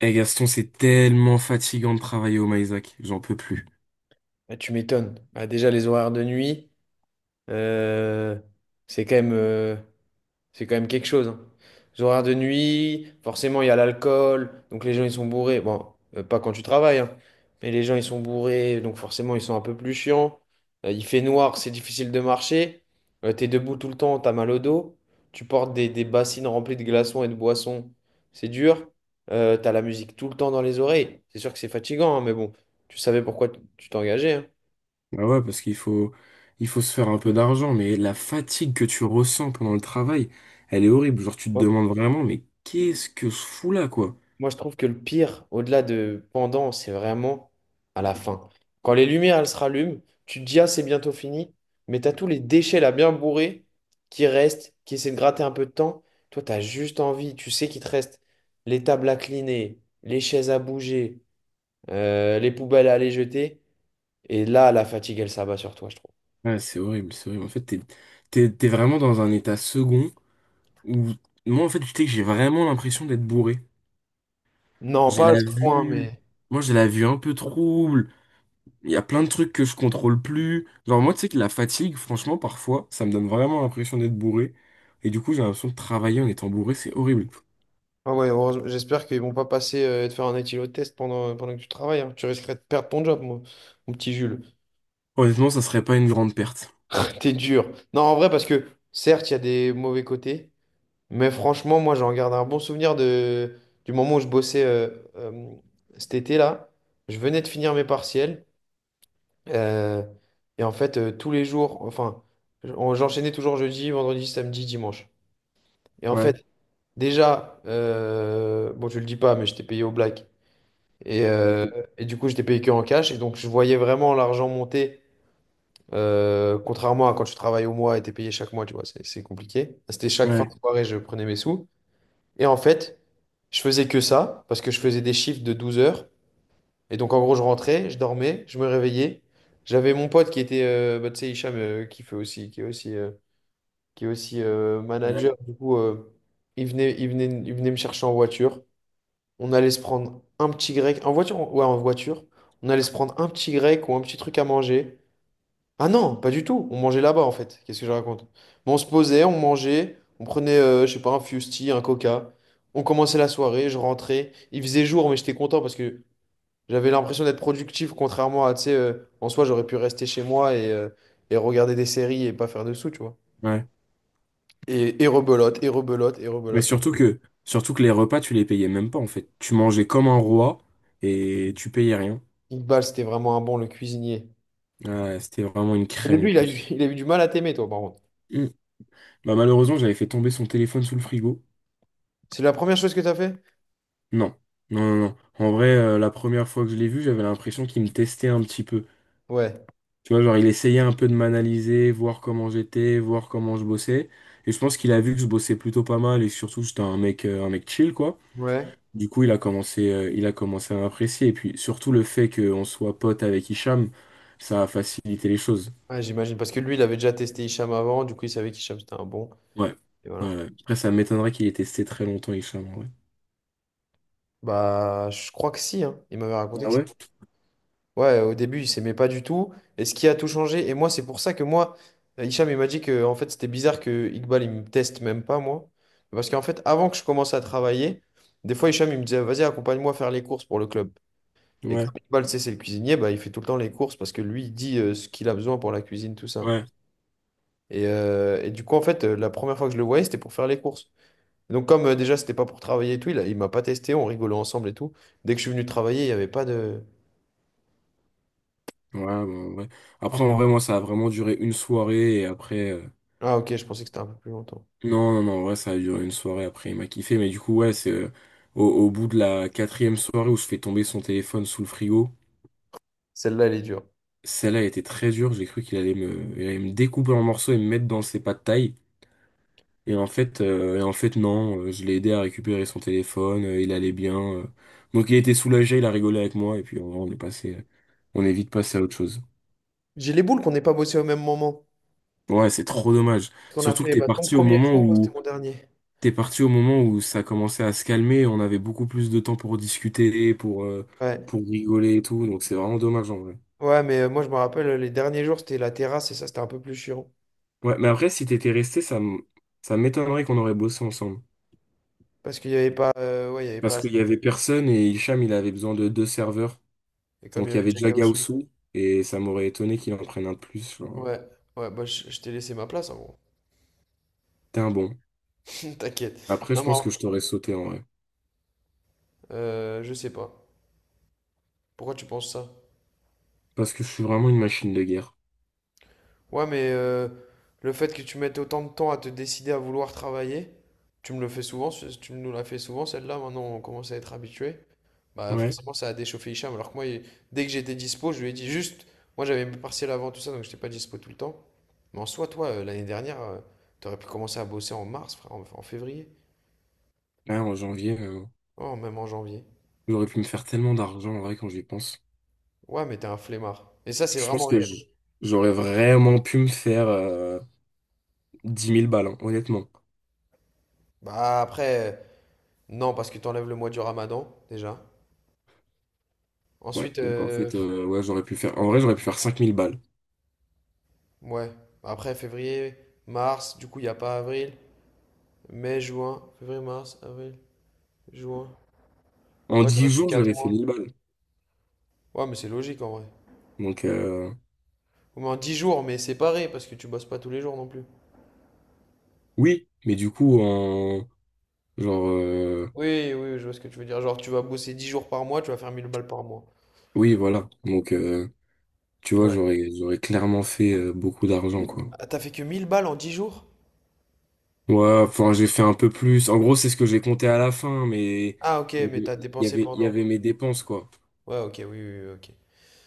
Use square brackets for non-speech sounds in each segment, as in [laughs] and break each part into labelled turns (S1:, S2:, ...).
S1: Eh Gaston, c'est tellement fatigant de travailler au Maïsac, j'en peux plus.
S2: Ah, tu m'étonnes. Ah, déjà, les horaires de nuit, euh, c'est quand même, euh, c'est quand même quelque chose, hein. Les horaires de nuit, forcément, il y a l'alcool, donc les gens, ils sont bourrés. Bon, pas quand tu travailles, hein, mais les gens, ils sont bourrés, donc forcément, ils sont un peu plus chiants. Il fait noir, c'est difficile de marcher. T'es debout tout le temps, t'as mal au dos. Tu portes des bassines remplies de glaçons et de boissons, c'est dur. T'as la musique tout le temps dans les oreilles. C'est sûr que c'est fatigant, hein, mais bon, tu savais pourquoi tu t'engageais, hein.
S1: Ah ouais, parce qu'il faut se faire un peu d'argent, mais la fatigue que tu ressens pendant le travail, elle est horrible. Genre, tu te demandes vraiment, mais qu'est-ce que je fous là, quoi?
S2: Moi, je trouve que le pire, au-delà de pendant, c'est vraiment à la fin. Quand les lumières, elles se rallument, tu te dis, ah, c'est bientôt fini, mais t'as tous les déchets là bien bourrés qui restent, qui essaient de gratter un peu de temps. Toi, t'as juste envie, tu sais qu'il te reste les tables à cliner, les chaises à bouger, les poubelles à aller jeter. Et là, la fatigue, elle s'abat sur toi, je trouve.
S1: Ouais, c'est horrible, c'est horrible. En fait, t'es vraiment dans un état second où, moi, en fait, tu sais que j'ai vraiment l'impression d'être bourré.
S2: Non,
S1: J'ai
S2: pas à
S1: la
S2: ce point,
S1: vue,
S2: mais.
S1: Moi, j'ai la vue un peu trouble. Il y a plein de trucs que je contrôle plus. Genre, moi, tu sais que la fatigue, franchement, parfois, ça me donne vraiment l'impression d'être bourré. Et du coup, j'ai l'impression de travailler en étant bourré, c'est horrible.
S2: Ah ouais, heureusement, j'espère qu'ils vont pas passer et te faire un éthylotest pendant que tu travailles, hein. Tu risquerais de perdre ton job, mon petit Jules.
S1: Honnêtement, ça serait pas une grande perte.
S2: [laughs] T'es dur. Non, en vrai, parce que certes, il y a des mauvais côtés, mais franchement, moi, j'en garde un bon souvenir du moment où je bossais euh, cet été-là. Je venais de finir mes partiels. euh, et en fait, tous les jours, enfin, j'enchaînais toujours jeudi, vendredi, samedi, dimanche. Et en
S1: Ouais.
S2: fait, déjà, bon, je le dis pas, mais j'étais payé au black. Et, euh,
S1: Ok.
S2: et du coup, j'étais payé que en cash. Et donc, je voyais vraiment l'argent monter. Contrairement à quand tu travailles au mois et t'es payé chaque mois, tu vois, c'est compliqué. C'était chaque fin
S1: Ouais.
S2: de soirée, je prenais mes sous. Et en fait, je faisais que ça parce que je faisais des shifts de 12 heures. Et donc, en gros, je rentrais, je dormais, je me réveillais. J'avais mon pote qui était, bah, tu sais, Hicham, qui est aussi,
S1: Ouais.
S2: manager. Du coup, il venait me chercher en voiture. On allait se prendre un petit grec, en voiture, ouais, en voiture. On allait se prendre un petit grec ou un petit truc à manger. Ah non, pas du tout. On mangeait là-bas en fait. Qu'est-ce que je raconte? Mais on se posait, on mangeait, on prenait, je sais pas, un fusti, un coca. On commençait la soirée, je rentrais. Il faisait jour, mais j'étais content parce que j'avais l'impression d'être productif, contrairement à, tu sais, en soi, j'aurais pu rester chez moi et regarder des séries et pas faire de sous, tu vois.
S1: Ouais.
S2: Et rebelote, et rebelote, et
S1: Mais
S2: rebelote.
S1: surtout que les repas, tu les payais même pas, en fait. Tu mangeais comme un roi et tu payais rien.
S2: Iqbal, c'était vraiment un bon, le cuisinier.
S1: Ouais, c'était vraiment une
S2: Au
S1: crème en
S2: début, il a eu,
S1: plus.
S2: [laughs] il a eu du mal à t'aimer, toi, par contre.
S1: Mm. Bah, malheureusement, j'avais fait tomber son téléphone sous le frigo.
S2: C'est la première chose que t'as fait?
S1: Non. Non, non, non. En vrai, la première fois que je l'ai vu, j'avais l'impression qu'il me testait un petit peu.
S2: Ouais.
S1: Tu vois, genre, il essayait un peu de m'analyser, voir comment j'étais, voir comment je bossais. Et je pense qu'il a vu que je bossais plutôt pas mal et surtout, j'étais un mec chill, quoi.
S2: Ouais.
S1: Du coup, il a commencé à m'apprécier. Et puis, surtout, le fait qu'on soit pote avec Hicham, ça a facilité les choses.
S2: Ouais, j'imagine. Parce que lui, il avait déjà testé Hicham avant, du coup, il savait qu'Hicham, c'était un bon.
S1: Ouais.
S2: Et voilà.
S1: Ouais. Ouais. Après, ça m'étonnerait qu'il ait testé très longtemps, Hicham, en vrai.
S2: Bah, je crois que si, hein. Il m'avait raconté
S1: Ah
S2: que si.
S1: ouais?
S2: Ouais, au début, il s'aimait pas du tout. Et ce qui a tout changé, et moi, c'est pour ça que moi, Hicham, il m'a dit que en fait, c'était bizarre que Iqbal, il me teste même pas, moi. Parce qu'en fait, avant que je commence à travailler, des fois, Hicham, il me disait, vas-y, accompagne-moi faire les courses pour le club. Et
S1: Ouais.
S2: comme Iqbal, tu c'est le cuisinier, bah, il fait tout le temps les courses parce que lui, il dit ce qu'il a besoin pour la cuisine, tout ça.
S1: Ouais.
S2: Et du coup, en fait, la première fois que je le voyais, c'était pour faire les courses. Donc comme déjà c'était pas pour travailler et tout, il m'a pas testé, on rigolait ensemble et tout. Dès que je suis venu travailler, il y avait pas de...
S1: Ouais, bah, ouais. Après, en vrai, moi, ça a vraiment duré une soirée et après.
S2: Ah ok, je pensais que c'était un peu plus longtemps.
S1: Non, non, non, ouais, ça a duré une soirée après, il m'a kiffé, mais du coup, ouais, c'est au bout de la quatrième soirée où je fais tomber son téléphone sous le frigo,
S2: Celle-là, elle est dure.
S1: celle-là a été très dure, j'ai cru qu'il allait me découper en morceaux et me mettre dans ses pas de taille, et en fait, non, je l'ai aidé à récupérer son téléphone, il allait bien. Donc il était soulagé, il a rigolé avec moi, et puis en on est passé, on est vite passé à autre chose.
S2: J'ai les boules qu'on n'ait pas bossé au même moment.
S1: Ouais, c'est trop dommage,
S2: Parce qu'on a
S1: surtout que
S2: fait
S1: t'es
S2: bah, ton
S1: parti au
S2: premier jour, moi c'était
S1: moment
S2: mon dernier.
S1: T'es parti au moment où ça commençait à se calmer, on avait beaucoup plus de temps pour discuter, pour, euh,
S2: Ouais.
S1: pour rigoler et tout, donc c'est vraiment dommage en vrai.
S2: Ouais, mais moi je me rappelle, les derniers jours c'était la terrasse et ça c'était un peu plus chiant.
S1: Ouais, mais après, si t'étais resté, ça m'étonnerait qu'on aurait bossé ensemble.
S2: Parce qu'il y avait pas, ouais, il y avait pas
S1: Parce qu'il
S2: assez.
S1: y avait personne et Hicham, il avait besoin de deux serveurs.
S2: Et comme il y
S1: Donc il y
S2: avait
S1: avait
S2: Jack
S1: déjà
S2: Aousou.
S1: Gaoussou, et ça m'aurait étonné qu'il en prenne un de plus. Genre.
S2: Ouais, ouais, bah je t'ai laissé ma place, en gros.
S1: T'es un bon.
S2: [laughs] T'inquiète.
S1: Après,
S2: Non,
S1: je
S2: mais
S1: pense que je t'aurais sauté en vrai.
S2: je sais pas. Pourquoi tu penses ça?
S1: Parce que je suis vraiment une machine de guerre.
S2: Ouais, mais le fait que tu mettes autant de temps à te décider à vouloir travailler, tu me le fais souvent, tu nous l'as fait souvent celle-là, maintenant on commence à être habitué. Bah
S1: Ouais.
S2: forcément ça a déchauffé Hicham, alors que moi, dès que j'étais dispo, je lui ai dit juste, moi j'avais mes partiels avant tout ça, donc j'étais pas dispo tout le temps. Mais en soi, toi, l'année dernière, t'aurais pu commencer à bosser en mars, frère, en février,
S1: Là, en janvier,
S2: oh, même en janvier.
S1: j'aurais pu me faire tellement d'argent en vrai quand j'y pense.
S2: Ouais, mais t'es un flemmard. Et ça, c'est
S1: Je
S2: vraiment
S1: pense que
S2: réel.
S1: j'aurais vraiment pu me faire 10 000 balles, hein, honnêtement.
S2: Bah après, non, parce que t'enlèves le mois du Ramadan, déjà.
S1: Ouais,
S2: Ensuite,
S1: donc en fait, ouais, j'aurais pu faire. En vrai, j'aurais pu faire 5000 balles.
S2: ouais. Après, février, mars, du coup, il n'y a pas avril. Mai, juin, février, mars, avril, juin.
S1: En
S2: Ouais, t'aurais
S1: 10
S2: fait
S1: jours,
S2: 4
S1: j'avais fait
S2: mois.
S1: 1000 balles.
S2: Ouais, mais c'est logique en vrai.
S1: Donc,
S2: Au moins 10 jours, mais séparés, parce que tu bosses pas tous les jours non plus.
S1: oui, mais du coup, en. Genre.
S2: Oui, oui, oui, je vois ce que tu veux dire. Genre, tu vas bosser 10 jours par mois, tu vas faire 1000 balles par mois.
S1: Oui, voilà. Donc, tu vois,
S2: Ouais.
S1: j'aurais clairement fait beaucoup d'argent, quoi.
S2: Ah, t'as fait que 1000 balles en 10 jours?
S1: Ouais, enfin, j'ai fait un peu plus. En gros, c'est ce que j'ai compté à la fin, mais
S2: Ah, ok,
S1: il y
S2: mais
S1: avait,
S2: t'as
S1: il y
S2: dépensé
S1: avait, il y
S2: pendant.
S1: avait mes dépenses, quoi.
S2: Ouais, ok, oui, oui, oui, ok.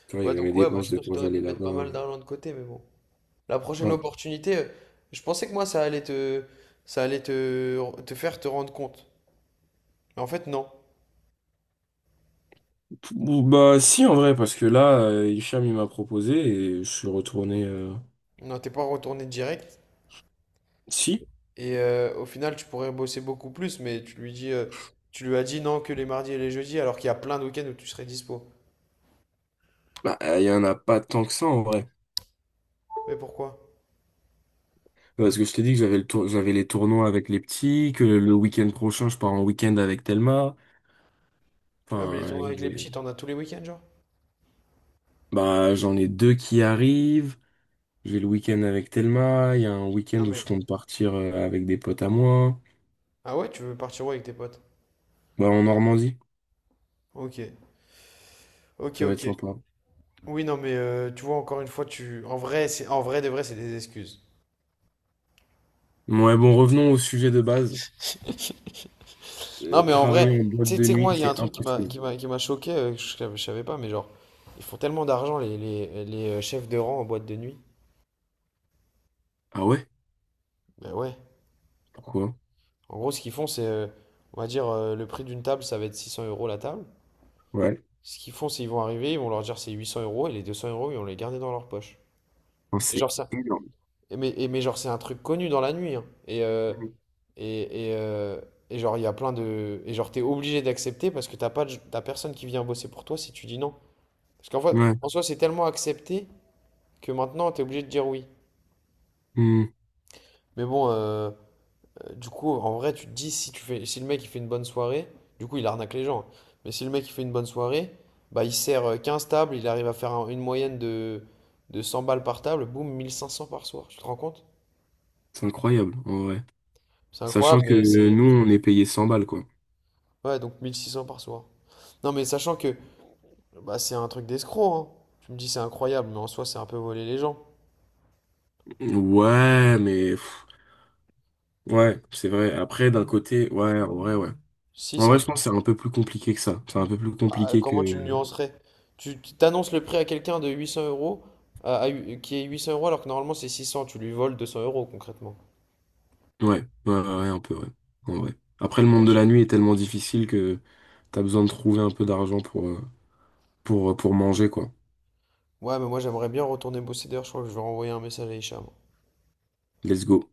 S1: Tu vois, il y
S2: Ouais,
S1: avait mes
S2: donc ouais, bah,
S1: dépenses
S2: je
S1: de
S2: pense que
S1: quand
S2: t'aurais
S1: j'allais
S2: pu mettre pas
S1: là-bas.
S2: mal d'argent de côté, mais bon. La prochaine opportunité, je pensais que moi ça allait te, te faire te rendre compte. Mais en fait, non.
S1: Bah si, en vrai, parce que là, Hicham il m'a proposé et je suis retourné.
S2: Non, t'es pas retourné direct.
S1: Si.
S2: Et au final, tu pourrais bosser beaucoup plus, mais tu lui as dit non que les mardis et les jeudis, alors qu'il y a plein de week-ends où tu serais dispo.
S1: Bah, il y en a pas tant que ça en vrai,
S2: Mais pourquoi?
S1: parce que je t'ai dit que j'avais les tournois avec les petits, que le week-end prochain je pars en week-end avec Thelma,
S2: Non, mais les
S1: enfin
S2: tournois avec
S1: il
S2: les
S1: est-
S2: petits, t'en as tous les week-ends, genre?
S1: bah j'en ai deux qui arrivent. J'ai le week-end avec Thelma, il y a un week-end
S2: Non,
S1: où je
S2: mais.
S1: compte partir avec des potes à moi.
S2: Ah ouais, tu veux partir où avec tes potes?
S1: Bah, en Normandie.
S2: Ok. Ok,
S1: Ça va être
S2: ok.
S1: sympa.
S2: Oui, non, mais tu vois, encore une fois, tu. En vrai, c'est en vrai de vrai, c'est des excuses.
S1: Ouais, bon, revenons au sujet de base.
S2: Non, mais en vrai,
S1: Travailler en boîte
S2: tu sais tu
S1: de
S2: sais que moi,
S1: nuit,
S2: il y a
S1: c'est
S2: un truc qui m'a
S1: impossible.
S2: qui m'a qui m'a choqué, que je savais pas, mais genre, ils font tellement d'argent, les chefs de rang en boîte de nuit.
S1: Ah ouais?
S2: Ben ouais.
S1: Pourquoi?
S2: En gros, ce qu'ils font, c'est, on va dire, le prix d'une table, ça va être 600 euros la table.
S1: Ouais.
S2: Ce qu'ils font, c'est ils vont arriver, ils vont leur dire c'est 800 euros, et les 200 euros, ils vont les garder dans leur poche.
S1: Enfin,
S2: Et
S1: c'est
S2: genre, ça,
S1: énorme.
S2: et mais genre, c'est un truc connu dans la nuit, hein.
S1: Mm.
S2: Et, et, euh, et genre, il y a plein de. Et genre, t'es obligé d'accepter parce que t'as pas de- t'as personne qui vient bosser pour toi si tu dis non. Parce qu'en fait,
S1: Ouais.
S2: en soi, c'est tellement accepté, que maintenant t'es obligé de dire oui.
S1: Mm.
S2: Mais bon, du coup, en vrai, tu te dis si tu fais, si le mec il fait une bonne soirée, du coup il arnaque les gens. Mais si le mec il fait une bonne soirée, bah il sert 15 tables, il arrive à faire une moyenne de 100 balles par table, boum, 1500 par soir. Tu te rends compte?
S1: C'est incroyable, en vrai.
S2: C'est
S1: Sachant
S2: incroyable,
S1: que
S2: mais c'est.
S1: nous, on est payé 100 balles, quoi.
S2: Ouais, donc 1600 par soir. Non, mais sachant que bah, c'est un truc d'escroc, hein. Tu me dis c'est incroyable, mais en soi c'est un peu voler les gens.
S1: Ouais, mais pff, ouais, c'est vrai. Après, d'un côté, ouais.
S2: Si,
S1: En
S2: c'est un
S1: vrai, je pense que c'est un peu plus compliqué que ça. C'est un peu plus
S2: Bah,
S1: compliqué
S2: comment tu le
S1: que.
S2: nuancerais? Tu t'annonces le prix à quelqu'un de 800 euros, qui est 800 euros alors que normalement c'est 600, tu lui voles 200 euros concrètement.
S1: Ouais, ouais, ouais, ouais, un peu, ouais. En vrai. Après, le monde de
S2: Wesh.
S1: la nuit est tellement difficile que t'as besoin de trouver un peu d'argent pour manger, quoi.
S2: Ouais, mais moi j'aimerais bien retourner bosser d'ailleurs, je crois que je vais renvoyer un message à Hicham.
S1: Let's go.